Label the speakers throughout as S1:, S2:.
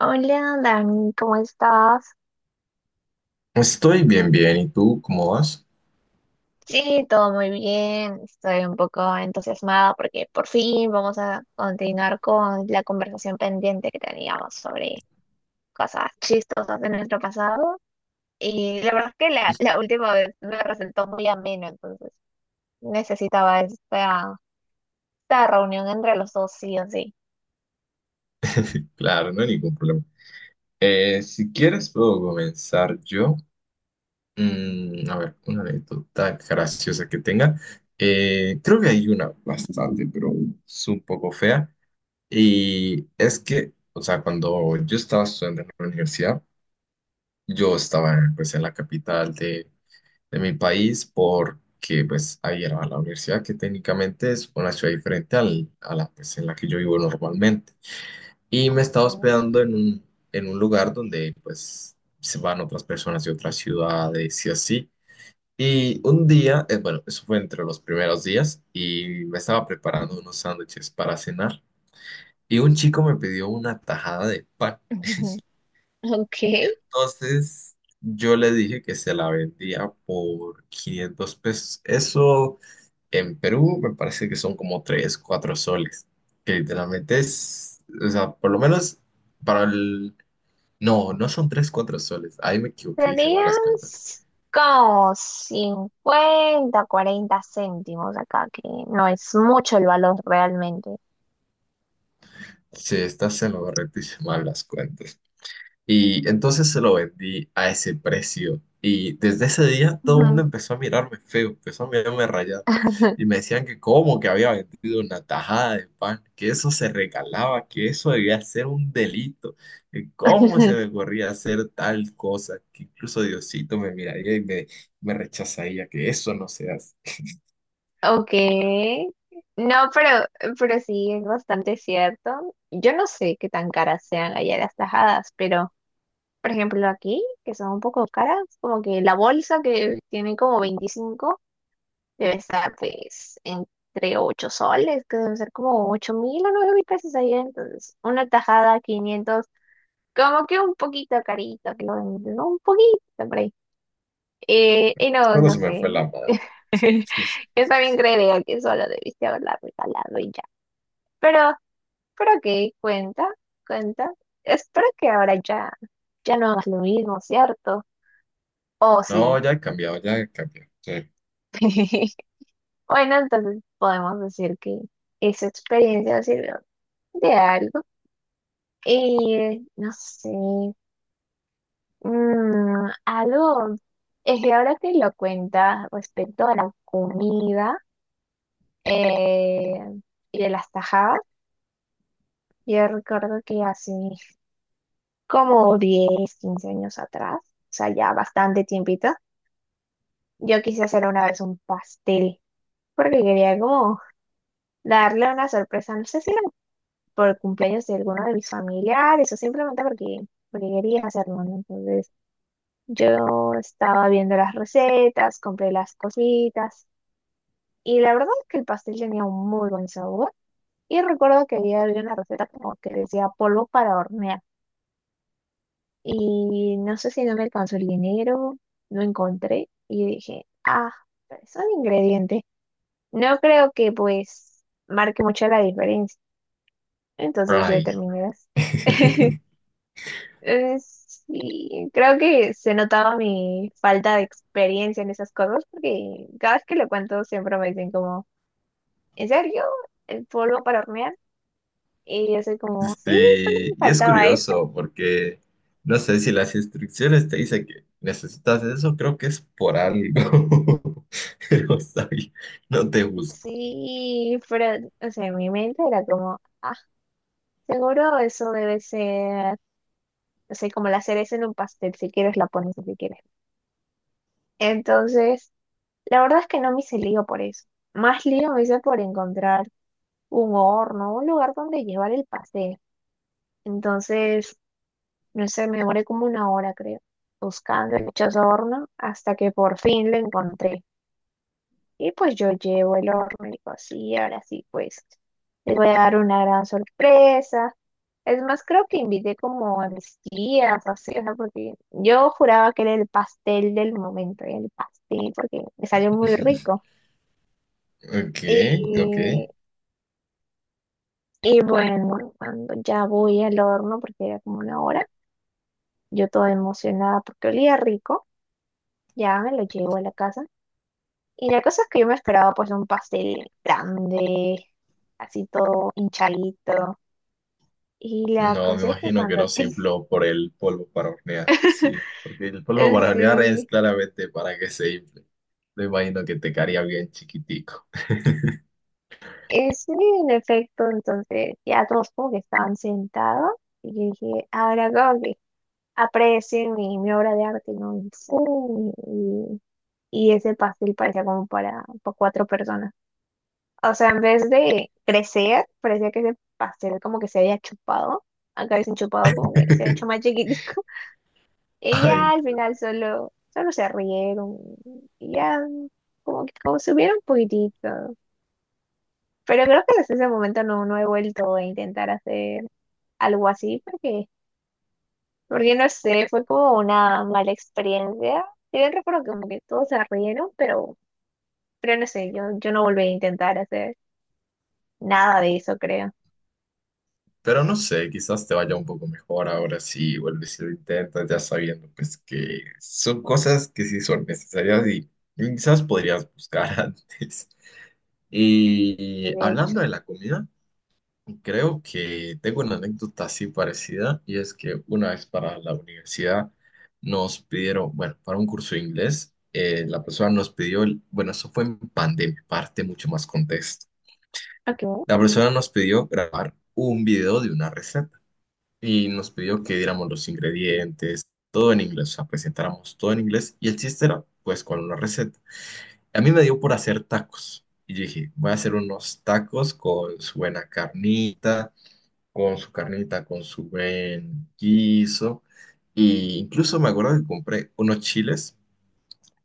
S1: Hola, Dani, ¿cómo estás?
S2: Estoy bien, bien. ¿Y tú cómo vas?
S1: Sí, todo muy bien. Estoy un poco entusiasmada porque por fin vamos a continuar con la conversación pendiente que teníamos sobre cosas chistosas de nuestro pasado. Y la verdad es que la última vez me resultó muy ameno, entonces necesitaba esta reunión entre los dos, sí o sí.
S2: Claro, no hay ningún problema. Si quieres, puedo comenzar yo. A ver, una anécdota graciosa que tenga. Creo que hay una bastante, pero es un poco fea. Y es que, o sea, cuando yo estaba estudiando en la universidad, yo estaba pues en la capital de mi país porque pues ahí era la universidad que técnicamente es una ciudad diferente a la pues, en la que yo vivo normalmente. Y me estaba hospedando en un lugar donde pues se van otras personas de otras ciudades y así. Y un día, bueno, eso fue entre los primeros días y me estaba preparando unos sándwiches para cenar y un chico me pidió una tajada de pan.
S1: Ok.
S2: Y entonces yo le dije que se la vendía por 500 pesos. Eso en Perú me parece que son como 3 o 4 soles, que literalmente es, o sea, por lo menos para el. No, no son 3 o 4 soles. Ahí me equivoqué, hice
S1: Serían
S2: malas cuentas.
S1: como 50 40 céntimos acá, que no es mucho el valor realmente.
S2: Sí, estás en lo correcto, hice malas cuentas. Y entonces se lo vendí a ese precio. Y desde ese día todo el mundo
S1: Ujú.
S2: empezó a mirarme feo, empezó a mirarme rayado. Y me decían que cómo, que había vendido una tajada de pan, que eso se regalaba, que eso debía ser un delito, que cómo se me ocurría hacer tal cosa, que incluso Diosito me miraría y me rechazaría, que eso no se hace.
S1: Ok. No, pero sí, es bastante cierto. Yo no sé qué tan caras sean allá las tajadas, pero, por ejemplo, aquí, que son un poco caras, como que la bolsa que tiene como 25. Debe estar pues entre 8 soles, que deben ser como 8.000 o 9.000 pesos allá. Entonces, una tajada 500, como que un poquito carito, que lo venden, ¿no? Un poquito por ahí. Y no,
S2: Solo
S1: no
S2: se me
S1: sé.
S2: fue la mano.
S1: Yo también creería que solo debiste haberla regalado y ya. Pero, pero ok, cuenta, cuenta. Espero que ahora ya, ya no hagas lo mismo, ¿cierto? Oh, sí.
S2: No, ya he cambiado, ya he cambiado. Sí.
S1: Bueno, entonces podemos decir que esa experiencia sirvió de algo. No sé, algo, es que ahora que lo cuentas respecto a la comida eh, y de las tajadas, yo recuerdo que hace como 10 15 años atrás, o sea, ya bastante tiempito, yo quise hacer una vez un pastel, porque quería como darle una sorpresa, no sé si era por cumpleaños de alguno de mis familiares o simplemente porque quería hacerlo, ¿no? Entonces, yo estaba viendo las recetas, compré las cositas y la verdad es que el pastel tenía un muy buen sabor. Y recuerdo que había una receta como que decía polvo para hornear y no sé si no me alcanzó el dinero, no encontré y dije, ah, es un ingrediente. No creo que pues marque mucho la diferencia. Entonces yo
S2: Ay.
S1: terminé las Sí, creo que se notaba mi falta de experiencia en esas cosas porque cada vez que lo cuento siempre me dicen como, ¿en serio? ¿El polvo para hornear? Y yo soy como, sí, solo
S2: Este,
S1: me
S2: y es
S1: faltaba eso.
S2: curioso porque no sé si las instrucciones te dicen que necesitas eso, creo que es por algo. Pero está bien, no te busco.
S1: Sí, pero, o sea, en mi mente era como, ah, seguro eso debe ser, o sea como la cereza en un pastel, si quieres la pones, y si quieres. Entonces, la verdad es que no me hice lío por eso. Más lío me hice por encontrar un horno, un lugar donde llevar el pastel. Entonces, no sé, me demoré como una hora, creo, buscando el dichoso horno hasta que por fin lo encontré. Y pues yo llevo el horno y digo, sí, ahora sí, pues les voy a dar una gran sorpresa. Es más, creo que invité como a mis tías, así, o sea, porque yo juraba que era el pastel del momento, el pastel, porque me salió muy rico.
S2: Ok, ok.
S1: Y, y bueno, cuando ya voy al horno, porque era como una hora, yo toda emocionada porque olía rico. Ya me lo llevo a la casa. Y la cosa es que yo me esperaba pues un pastel grande, así todo hinchadito. Y la
S2: No, me
S1: cosa es que
S2: imagino que
S1: cuando...
S2: no se infló por el polvo para hornear. Sí, porque el polvo para hornear es
S1: Sí,
S2: claramente para que se infle. Me imagino que te caería bien chiquitico.
S1: sí, en efecto, entonces ya todos como que estaban sentados. Y yo dije, ahora como que aprecien mi obra de arte, ¿no? Y, pum, y ese pastel parecía como para cuatro personas. O sea, en vez de crecer, parecía que ese pastel como que se había chupado. Acá dicen chupado como que se había hecho más chiquitico. Y ya
S2: Ay,
S1: al final solo, solo se rieron. Y ya como que como subieron un poquitito. Pero creo que desde ese momento no, no he vuelto a intentar hacer algo así porque no sé, fue como una mala experiencia. Y yo recuerdo que como que todos se rieron, pero no sé, yo no volví a intentar hacer nada de eso, creo.
S2: pero no sé, quizás te vaya un poco mejor ahora si vuelves y lo intentas, ya sabiendo pues que son cosas que sí son necesarias y quizás podrías buscar antes. Y
S1: De hecho.
S2: hablando de la comida, creo que tengo una anécdota así parecida y es que una vez para la universidad nos pidieron, bueno, para un curso de inglés, la persona nos pidió, bueno, eso fue en pandemia, parte mucho más contexto.
S1: Ok.
S2: La persona nos pidió grabar un video de una receta. Y nos pidió que diéramos los ingredientes, todo en inglés, o sea, presentáramos todo en inglés y el chiste era pues con una receta. A mí me dio por hacer tacos y yo dije, voy a hacer unos tacos con su buena carnita, con su buen guiso y incluso me acuerdo que compré unos chiles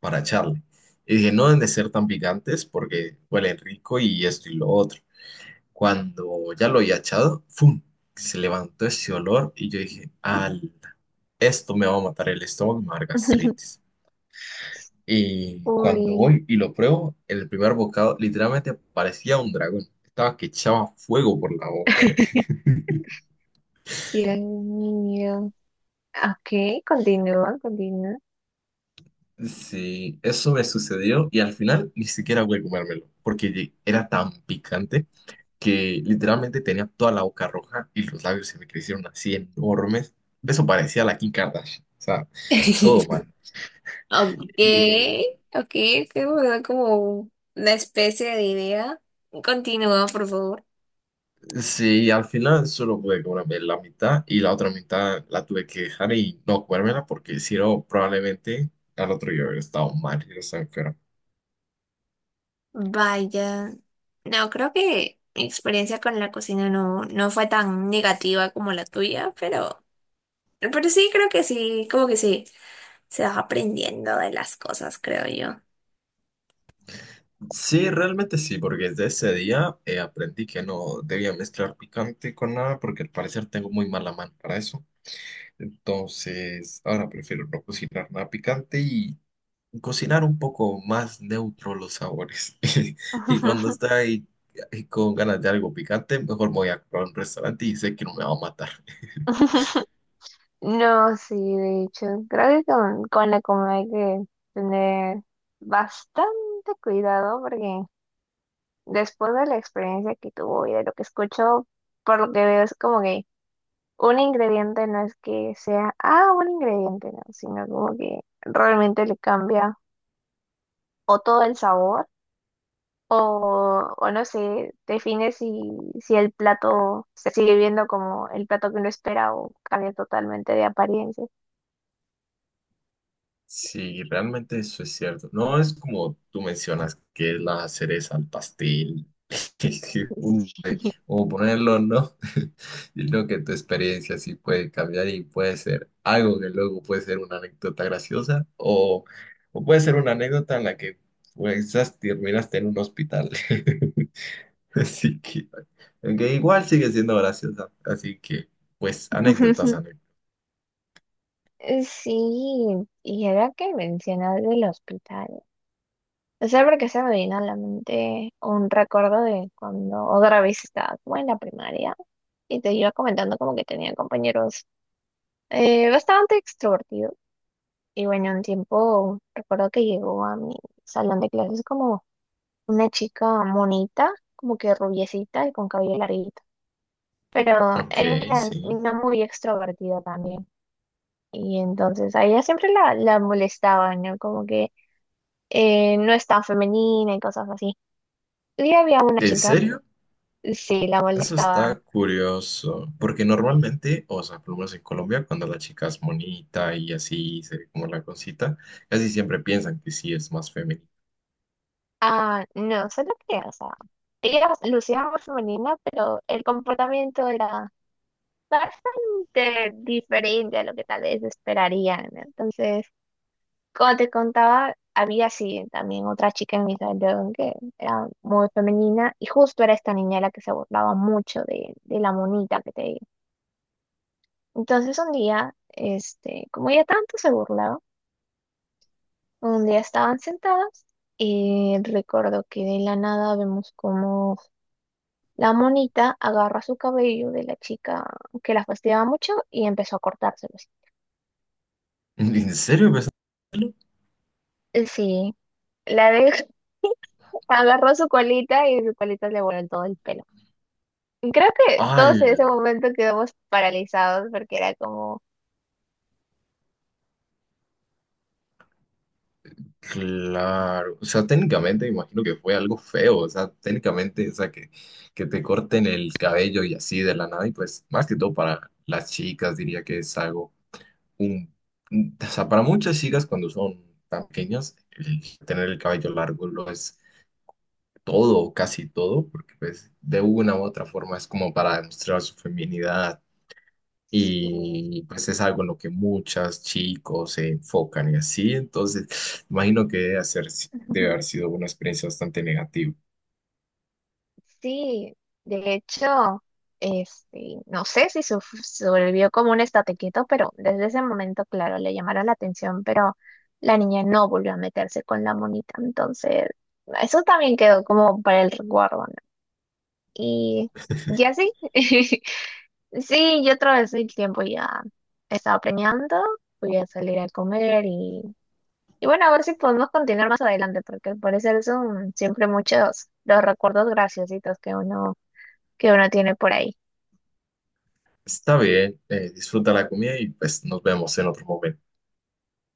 S2: para echarle. Y dije, no deben de ser tan picantes porque huelen rico y esto y lo otro. Cuando ya lo había echado, ¡fum! Se levantó ese olor y yo dije, al, esto me va a matar el estómago, me va a dar gastritis. Y cuando
S1: Uy,
S2: voy y lo pruebo, el primer bocado literalmente parecía un dragón. Estaba que echaba fuego por la boca.
S1: tiran miedo. Ok, continúa, continúa.
S2: Sí, eso me sucedió y al final ni siquiera voy a comérmelo, porque era tan picante que literalmente tenía toda la boca roja y los labios se me crecieron así enormes. Eso parecía la Kim Kardashian, o sea, todo mal.
S1: Ok, ok, que me da como una especie de idea. Continúa, por favor.
S2: Sí, al final solo pude comerme la mitad y la otra mitad la tuve que dejar y no comérmela porque si no, probablemente al otro día hubiera estado mal y no estaba enfermo.
S1: Vaya, no, creo que mi experiencia con la cocina no, no fue tan negativa como la tuya, pero sí, creo que sí, como que sí, se va aprendiendo de las cosas, creo yo.
S2: Sí, realmente sí, porque desde ese día aprendí que no debía mezclar picante con nada porque al parecer tengo muy mala mano para eso. Entonces, ahora prefiero no cocinar nada picante y cocinar un poco más neutro los sabores. Y cuando está ahí con ganas de algo picante, mejor me voy a comprar un restaurante y sé que no me va a matar.
S1: No, sí, de hecho, creo que con la comida hay que tener bastante cuidado porque después de la experiencia que tuvo y de lo que escucho, por lo que veo es como que un ingrediente no es que sea, ah, un ingrediente, no, sino como que realmente le cambia o todo el sabor o no sé, define si, el plato se sigue viendo como el plato que uno espera o cambia totalmente de apariencia.
S2: Sí, realmente eso es cierto. No es como tú mencionas, que es la cereza al pastel, un, o ponerlo, ¿no? Sino que tu experiencia sí puede cambiar y puede ser algo que luego puede ser una anécdota graciosa o puede ser una anécdota en la que pues, terminaste en un hospital. Así que, aunque igual sigue siendo graciosa. Así que, pues, anécdotas, anécdotas.
S1: Sí, y ahora que mencionas del hospital, o sea, porque se me vino a la mente un recuerdo de cuando otra vez estaba como en la primaria y te iba comentando como que tenía compañeros. Bastante extrovertido. Y bueno, un tiempo recuerdo que llegó a mi salón de clases como una chica monita, como que rubiecita y con cabello larguito. Pero
S2: Ok,
S1: era una
S2: sí.
S1: niña muy extrovertida también. Y entonces a ella siempre la molestaba, ¿no? Como que no es tan femenina y cosas así. Y había una
S2: ¿En
S1: chica
S2: serio?
S1: que sí la
S2: Eso
S1: molestaba.
S2: está curioso. Porque normalmente, o sea, por lo menos en Colombia, cuando la chica es bonita y así se ve como la cosita, casi siempre piensan que sí es más femenina.
S1: Ah, no, solo que, o sea, ella lucía muy femenina, pero el comportamiento era bastante diferente a lo que tal vez esperarían, ¿no? Entonces, como te contaba, había sí también otra chica en mi salón que era muy femenina y justo era esta niña la que se burlaba mucho de, la monita que te digo. Entonces, un día, este, como ella tanto se burlaba, un día estaban sentadas y recuerdo que de la nada vemos como la monita agarra su cabello de la chica que la fastidiaba mucho y empezó a cortárselo.
S2: ¿En serio? Pues,
S1: Así. Sí, la abeja agarró su colita y su colita le voló en todo el pelo. Y creo que
S2: ¡al!
S1: todos en ese momento quedamos paralizados porque era como...
S2: Claro, o sea, técnicamente me imagino que fue algo feo, o sea, técnicamente, o sea, que te corten el cabello y así de la nada, y pues más que todo para las chicas diría que es algo, un, o sea, para muchas chicas cuando son tan pequeñas, el tener el cabello largo lo es todo, casi todo, porque pues de una u otra forma es como para demostrar su feminidad
S1: Sí,
S2: y pues es algo en lo que muchos chicos se enfocan y así. Entonces, imagino que debe haber sido una experiencia bastante negativa.
S1: sí, de hecho, este, no sé si sobrevivió como un estate quieto, pero desde ese momento, claro, le llamaron la atención, pero la niña no volvió a meterse con la monita, entonces eso también quedó como para el recuerdo, ¿no? Y, y así, sí, yo atravesé el tiempo ya. Estaba planeando, voy a salir a comer y bueno, a ver si podemos continuar más adelante, porque al parecer son siempre muchos los recuerdos graciositos que uno, tiene por ahí.
S2: Está bien, disfruta la comida y pues nos vemos en otro momento.